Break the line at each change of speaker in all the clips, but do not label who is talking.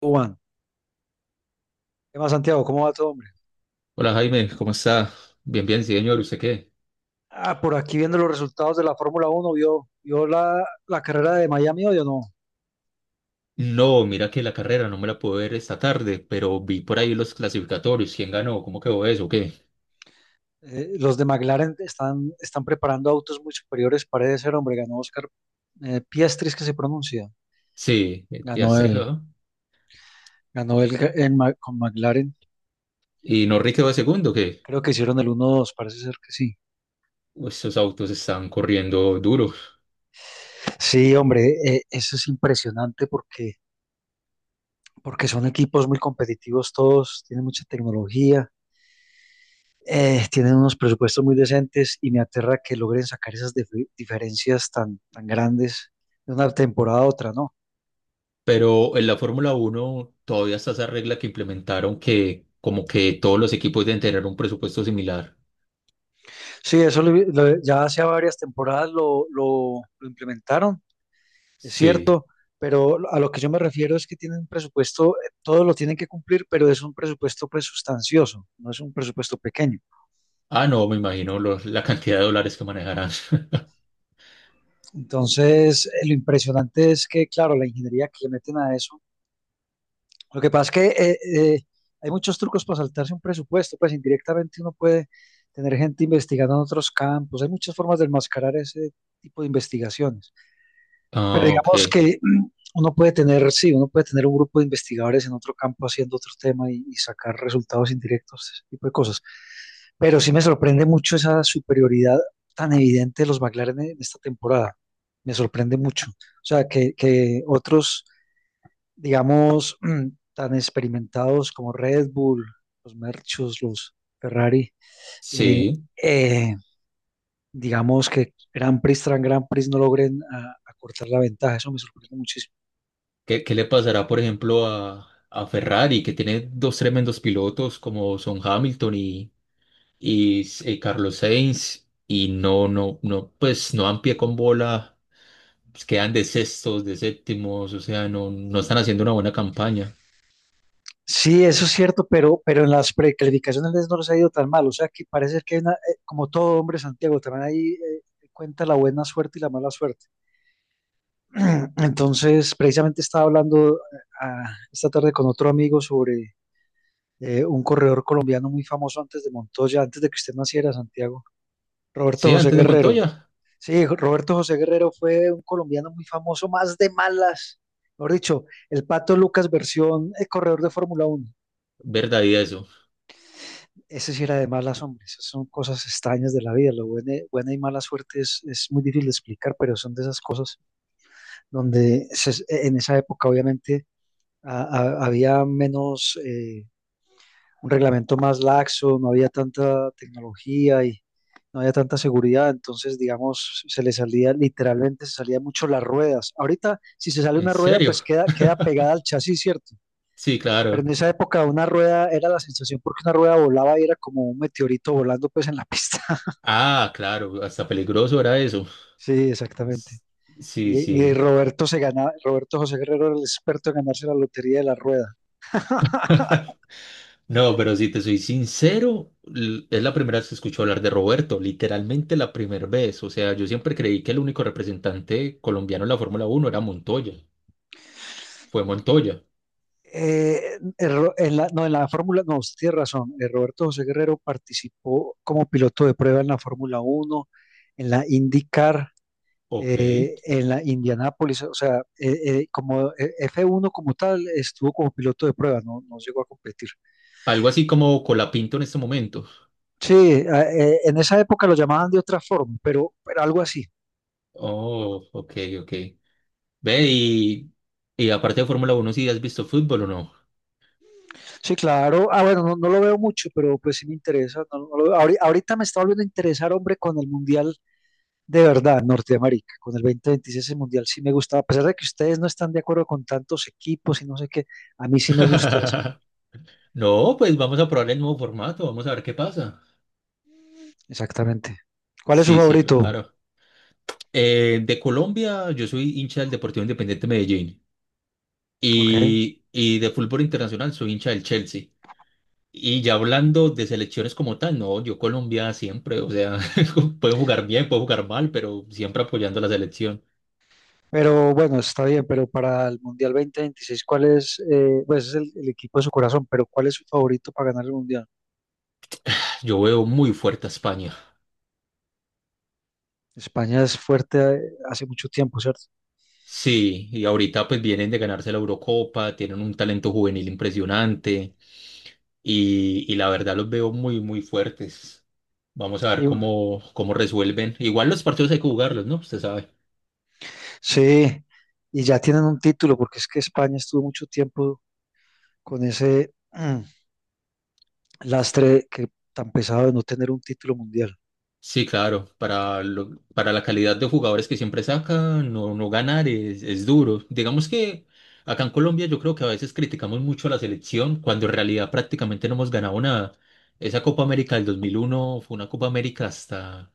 Juan, ¿qué más, Santiago? ¿Cómo va todo, hombre?
Hola Jaime, ¿cómo está? Bien, bien, sí, señor, ¿usted qué?
Ah, por aquí viendo los resultados de la Fórmula Uno, ¿vio la carrera de Miami hoy o no?
No, mira que la carrera no me la pude ver esta tarde, pero vi por ahí los clasificatorios, quién ganó, cómo quedó eso, ¿qué?
Los de McLaren están preparando autos muy superiores, parece ser, hombre. Ganó Oscar Piastri, es que se pronuncia.
Sí, el
Ganó
Piastre
él,
quedó.
ganó él con McLaren.
Y Norris quedó de segundo, ¿qué?
Creo que hicieron el 1-2, parece ser que sí.
Pues esos autos están corriendo duros.
Sí, hombre, eso es impresionante porque, porque son equipos muy competitivos todos, tienen mucha tecnología. Tienen unos presupuestos muy decentes y me aterra que logren sacar esas diferencias tan grandes de una temporada a otra, ¿no?
Pero en la Fórmula Uno todavía está esa regla que implementaron que como que todos los equipos deben tener un presupuesto similar.
Sí, eso ya hace varias temporadas lo implementaron, es
Sí.
cierto, pero a lo que yo me refiero es que tienen un presupuesto, todo lo tienen que cumplir, pero es un presupuesto pues sustancioso, no es un presupuesto pequeño.
Ah, no, me imagino la cantidad de dólares que manejarán.
Entonces, lo impresionante es que, claro, la ingeniería que le meten a eso. Lo que pasa es que eh, hay muchos trucos para saltarse un presupuesto, pues indirectamente uno puede tener gente investigando en otros campos, hay muchas formas de enmascarar ese tipo de investigaciones. Pero
Ah, ok.
digamos que uno puede tener, sí, uno puede tener un grupo de investigadores en otro campo haciendo otro tema y sacar resultados indirectos, ese tipo de cosas. Pero sí me sorprende mucho esa superioridad tan evidente de los McLaren en esta temporada. Me sorprende mucho. O sea, que otros digamos, tan experimentados como Red Bull, los Merchus, los Ferrari, eh,
Sí.
eh, digamos que Grand Prix tras Grand Prix no logren acortar la ventaja. Eso me sorprende muchísimo.
¿Qué, qué le pasará, por ejemplo, a Ferrari, que tiene dos tremendos pilotos como son Hamilton y, Carlos Sainz, y no, no, no, pues no dan pie con bola, pues, quedan de sextos, de séptimos, o sea, no, no están haciendo una buena campaña.
Sí, eso es cierto, pero en las precalificaciones no les ha ido tan mal. O sea, que parece que hay como todo hombre, Santiago, también ahí cuenta la buena suerte y la mala suerte. Entonces, precisamente estaba hablando esta tarde con otro amigo sobre un corredor colombiano muy famoso antes de Montoya, antes de que usted naciera, Santiago, Roberto
Sí,
José
antes de
Guerrero.
Montoya,
Sí, Roberto José Guerrero fue un colombiano muy famoso, más de malas. Mejor dicho, el Pato Lucas versión corredor de Fórmula Uno.
verdad y eso.
Ese sí era de malas, hombres. Son cosas extrañas de la vida. Lo buena, buena y mala suerte es muy difícil de explicar, pero son de esas cosas donde en esa época obviamente a- había menos un reglamento más laxo, no había tanta tecnología y no había tanta seguridad, entonces, digamos, se le salía, literalmente se salían mucho las ruedas. Ahorita, si se sale
¿En
una rueda,
serio?
pues queda pegada al chasis, ¿cierto?
Sí,
Pero en
claro.
esa época una rueda era la sensación porque una rueda volaba y era como un meteorito volando pues en la pista.
Ah, claro, hasta peligroso era eso.
Sí, exactamente.
S- Sí,
Y
sí.
Roberto se ganaba, Roberto José Guerrero era el experto en ganarse la lotería de la rueda.
No, pero si te soy sincero, es la primera vez que escucho hablar de Roberto, literalmente la primera vez. O sea, yo siempre creí que el único representante colombiano en la Fórmula Uno era Montoya. Fue Montoya.
En la, no, en la Fórmula, no, usted tiene razón. Roberto José Guerrero participó como piloto de prueba en la Fórmula Uno en la IndyCar,
Ok.
en la Indianápolis, o sea, como f uno como tal, estuvo como piloto de prueba, no, no llegó a competir.
Algo así como Colapinto en este momento.
Sí, en esa época lo llamaban de otra forma, pero algo así.
Oh, ok, ok. Ve, y aparte de Fórmula Uno, ¿si has visto fútbol o no?
Sí, claro. Ah, bueno, no, no lo veo mucho, pero pues sí me interesa. No- no lo veo. Ahorita, me está volviendo a interesar, hombre, con el Mundial de verdad, Norteamérica, con el 2026 el Mundial sí me gustaba, a pesar de que ustedes no están de acuerdo con tantos equipos y no sé qué, a mí sí me gusta ese Mundial.
No, pues vamos a probar el nuevo formato, vamos a ver qué pasa.
Exactamente. ¿Cuál es su
Sí, sí,
favorito?
claro. De Colombia, yo soy hincha del Deportivo Independiente Medellín.
Ok.
Y, y de fútbol internacional soy hincha del Chelsea. Y ya hablando de selecciones como tal, no, yo Colombia siempre, o sea, puedo jugar bien, puedo jugar mal, pero siempre apoyando a la selección.
Pero bueno, está bien, pero para el Mundial 2026, ¿cuál es? Pues es el equipo de su corazón, pero ¿cuál es su favorito para ganar el Mundial?
Yo veo muy fuerte a España.
España es fuerte hace mucho tiempo, ¿cierto?
Sí, y ahorita pues vienen de ganarse la Eurocopa, tienen un talento juvenil impresionante y la verdad los veo muy, muy fuertes. Vamos a ver
Y,
cómo, cómo resuelven. Igual los partidos hay que jugarlos, ¿no? Usted sabe.
sí, y ya tienen un título, porque es que España estuvo mucho tiempo con ese, lastre, que tan pesado de no tener un título mundial.
Sí, claro, para, para la calidad de jugadores que siempre saca, no, no ganar es duro. Digamos que acá en Colombia yo creo que a veces criticamos mucho a la selección cuando en realidad prácticamente no hemos ganado nada. Esa Copa América del 2001 fue una Copa América hasta,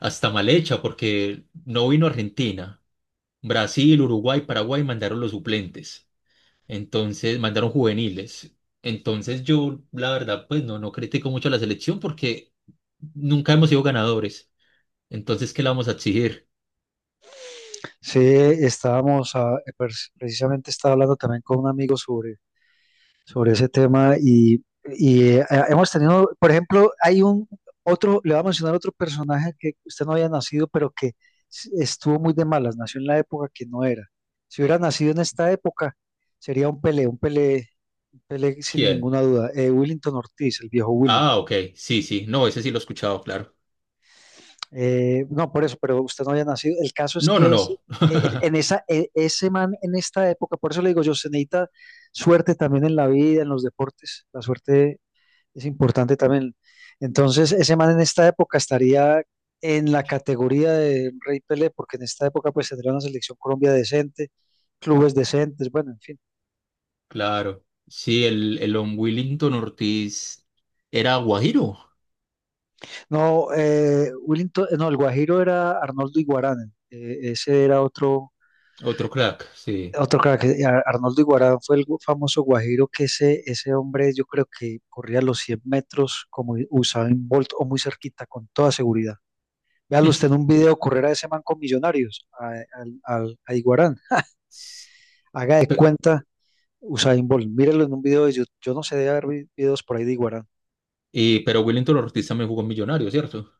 hasta mal hecha porque no vino Argentina. Brasil, Uruguay, Paraguay mandaron los suplentes, entonces mandaron juveniles. Entonces yo, la verdad, pues no, no critico mucho a la selección porque nunca hemos sido ganadores. Entonces, ¿qué le vamos a exigir?
Sí, estábamos, precisamente estaba hablando también con un amigo sobre, sobre ese tema y, hemos tenido, por ejemplo, hay un otro, le voy a mencionar otro personaje que usted no había nacido, pero que estuvo muy de malas, nació en la época que no era. Si hubiera nacido en esta época, sería un Pelé, un Pelé, un Pelé sin
¿Quién?
ninguna duda. Willington Ortiz, el viejo Willy.
Ah, ok. Sí, sí. No, ese sí lo he escuchado, claro.
No, por eso, pero usted no había nacido. El caso es
No, no,
que ese,
no.
eh, en esa, eh, ese man en esta época, por eso le digo yo, se necesita suerte también en la vida, en los deportes. La suerte es importante también. Entonces, ese man en esta época estaría en la categoría de Rey Pelé, porque en esta época pues tendría una selección Colombia decente, clubes decentes, bueno, en fin.
Claro. Sí, el Don Willington Ortiz era guajiro.
No, no, el Guajiro era Arnoldo Iguarán, ese era otro.
Otro crack, sí.
Otro crack, Arnoldo Iguarán fue el famoso guajiro que ese hombre yo creo que corría los 100 metros como Usain Bolt o muy cerquita, con toda seguridad. Véalo usted en un video correr a ese man con Millonarios, a Iguarán.
S-
Haga de
pe-
cuenta Usain Bolt, mírelo en un video de YouTube. Yo no sé, de haber videos por ahí de Iguarán.
y, pero Willington Ortiz también jugó en Millonario, ¿cierto?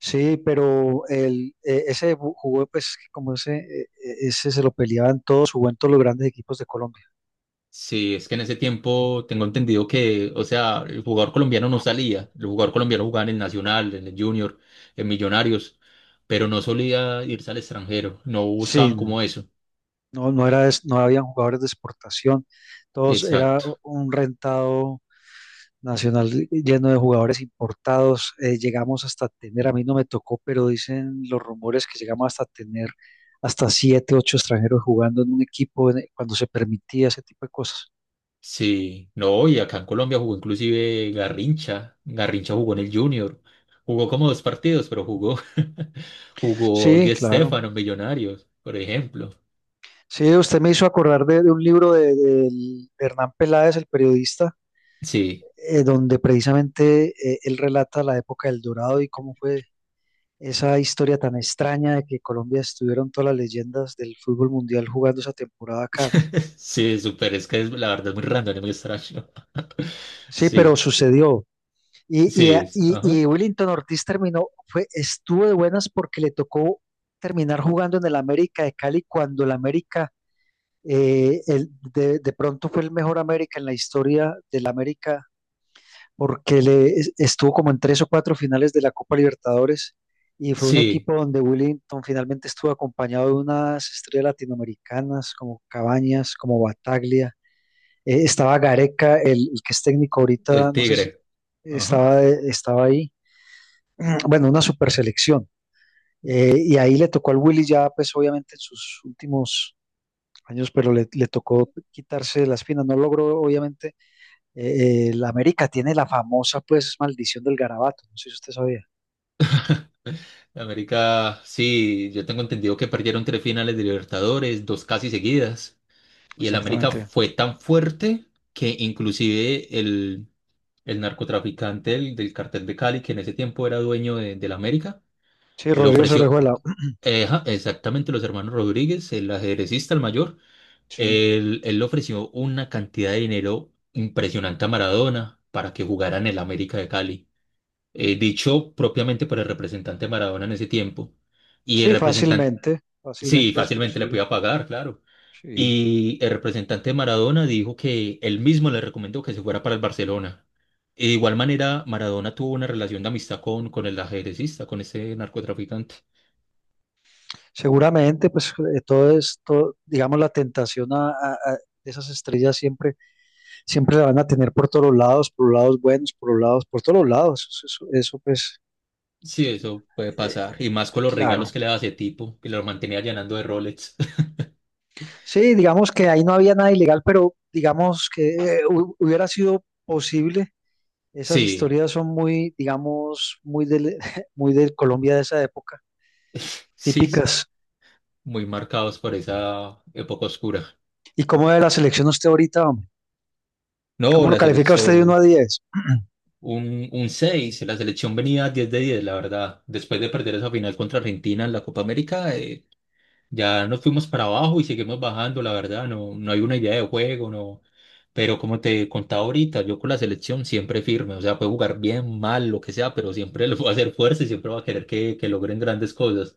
Sí, pero jugó, pues como ese se lo peleaban todos, jugó en todos los grandes equipos de Colombia.
Sí, es que en ese tiempo tengo entendido que, o sea, el jugador colombiano no salía. El jugador colombiano jugaba en el Nacional, en el Junior, en Millonarios, pero no solía irse al extranjero. No
Sí,
buscaban como eso.
no, no era, no habían jugadores de exportación, todos era
Exacto.
un rentado nacional lleno de jugadores importados. Llegamos hasta tener, a mí no me tocó, pero dicen los rumores que llegamos hasta tener hasta siete, ocho extranjeros jugando en un equipo cuando se permitía ese tipo de cosas.
Sí, no, y acá en Colombia jugó inclusive Garrincha. Garrincha jugó en el Junior. Jugó como dos partidos, pero jugó. Jugó
Sí,
Di
claro.
Stéfano en Millonarios, por ejemplo.
Sí, usted me hizo acordar de un libro de Hernán Peláez, el periodista,
Sí,
donde precisamente él relata la época del Dorado y cómo fue esa historia tan extraña de que Colombia estuvieron todas las leyendas del fútbol mundial jugando esa temporada acá, ¿no?
sí, súper. Es que es, la verdad es muy random, es muy extraño.
Sí, pero
Sí,
sucedió. Y, y,
sí,
eh,
ajá.
y, y Willington Ortiz terminó, fue, estuvo de buenas porque le tocó terminar jugando en el América de Cali cuando el América, de pronto fue el mejor América en la historia del América porque le estuvo como en tres o cuatro finales de la Copa Libertadores y fue un
Sí,
equipo donde Willington finalmente estuvo acompañado de unas estrellas latinoamericanas como Cabañas, como Bataglia. Estaba Gareca, el que es técnico ahorita,
el
no sé si
Tigre. Ajá.
estaba ahí. Bueno, una super selección. Y ahí le tocó al Willy ya, pues obviamente en sus últimos años, pero le tocó quitarse las espinas. No logró obviamente el América tiene la famosa, pues, maldición del garabato. No sé si usted sabía.
América, sí, yo tengo entendido que perdieron tres finales de Libertadores, dos casi seguidas. Y el América
Exactamente.
fue tan fuerte que inclusive el narcotraficante del, del cartel de Cali, que en ese tiempo era dueño de, del América,
Sí,
le
Rodrigo
ofreció,
Orejuela.
ja, exactamente los hermanos Rodríguez, el ajedrecista, el mayor,
Sí,
él le ofreció una cantidad de dinero impresionante a Maradona para que jugara en el América de Cali. Dicho propiamente por el representante de Maradona en ese tiempo. Y el
sí,
representante,
fácilmente.
sí,
Fácilmente es
fácilmente le
posible.
podía pagar, claro.
Sí.
Y el representante de Maradona dijo que él mismo le recomendó que se fuera para el Barcelona. Y de igual manera, Maradona tuvo una relación de amistad con el ajedrecista, con ese narcotraficante.
Seguramente, pues, todo es, todo, digamos, la tentación a esas estrellas siempre, siempre la van a tener por todos los lados, por los lados buenos, por los lados, por todos los lados. Eso, pues,
Sí, eso puede
eh,
pasar. Y más con los
claro.
regalos que le daba ese tipo, que lo mantenía llenando de Rolex.
Sí, digamos que ahí no había nada ilegal, pero digamos que hubiera sido posible. Esas
Sí,
historias son muy, digamos, muy del, muy del Colombia de esa época,
sí, sí.
típicas.
Muy marcados por esa época oscura.
¿Y cómo ve la selección usted ahorita, hombre?
No,
¿Cómo lo
la
califica usted de uno a
selección,
diez?
un 6. La selección venía 10 de 10, la verdad. Después de perder esa final contra Argentina en la Copa América, ya nos fuimos para abajo y seguimos bajando, la verdad, no, no hay una idea de juego, no. Pero como te contaba ahorita, yo con la selección siempre firme, o sea, puede jugar bien, mal, lo que sea, pero siempre le voy a hacer fuerza y siempre va a querer que logren grandes cosas.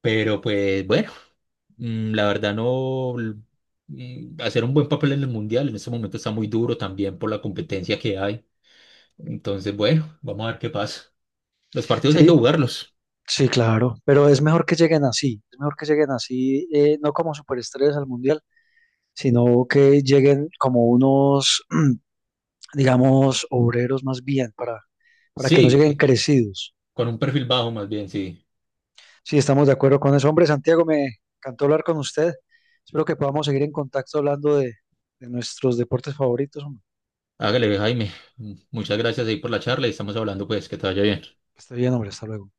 Pero pues bueno, mm, la verdad no, l- mm, hacer un buen papel en el Mundial en este momento está muy duro también por la competencia que hay. Entonces, bueno, vamos a ver qué pasa. Los partidos hay que
Sí,
jugarlos.
sí, claro, pero es mejor que lleguen así, es mejor que lleguen así, no como superestrellas al mundial, sino que lleguen como unos, digamos, obreros más bien, para que no
Sí,
lleguen crecidos.
con un perfil bajo más bien, sí.
Sí, estamos de acuerdo con eso. Hombre, Santiago, me encantó hablar con usted. Espero que podamos seguir en contacto hablando de nuestros deportes favoritos. Hombre.
Hágale, Jaime. Muchas gracias ahí por la charla y estamos hablando, pues, que te vaya bien.
Que esté bien, hombre. Hasta luego.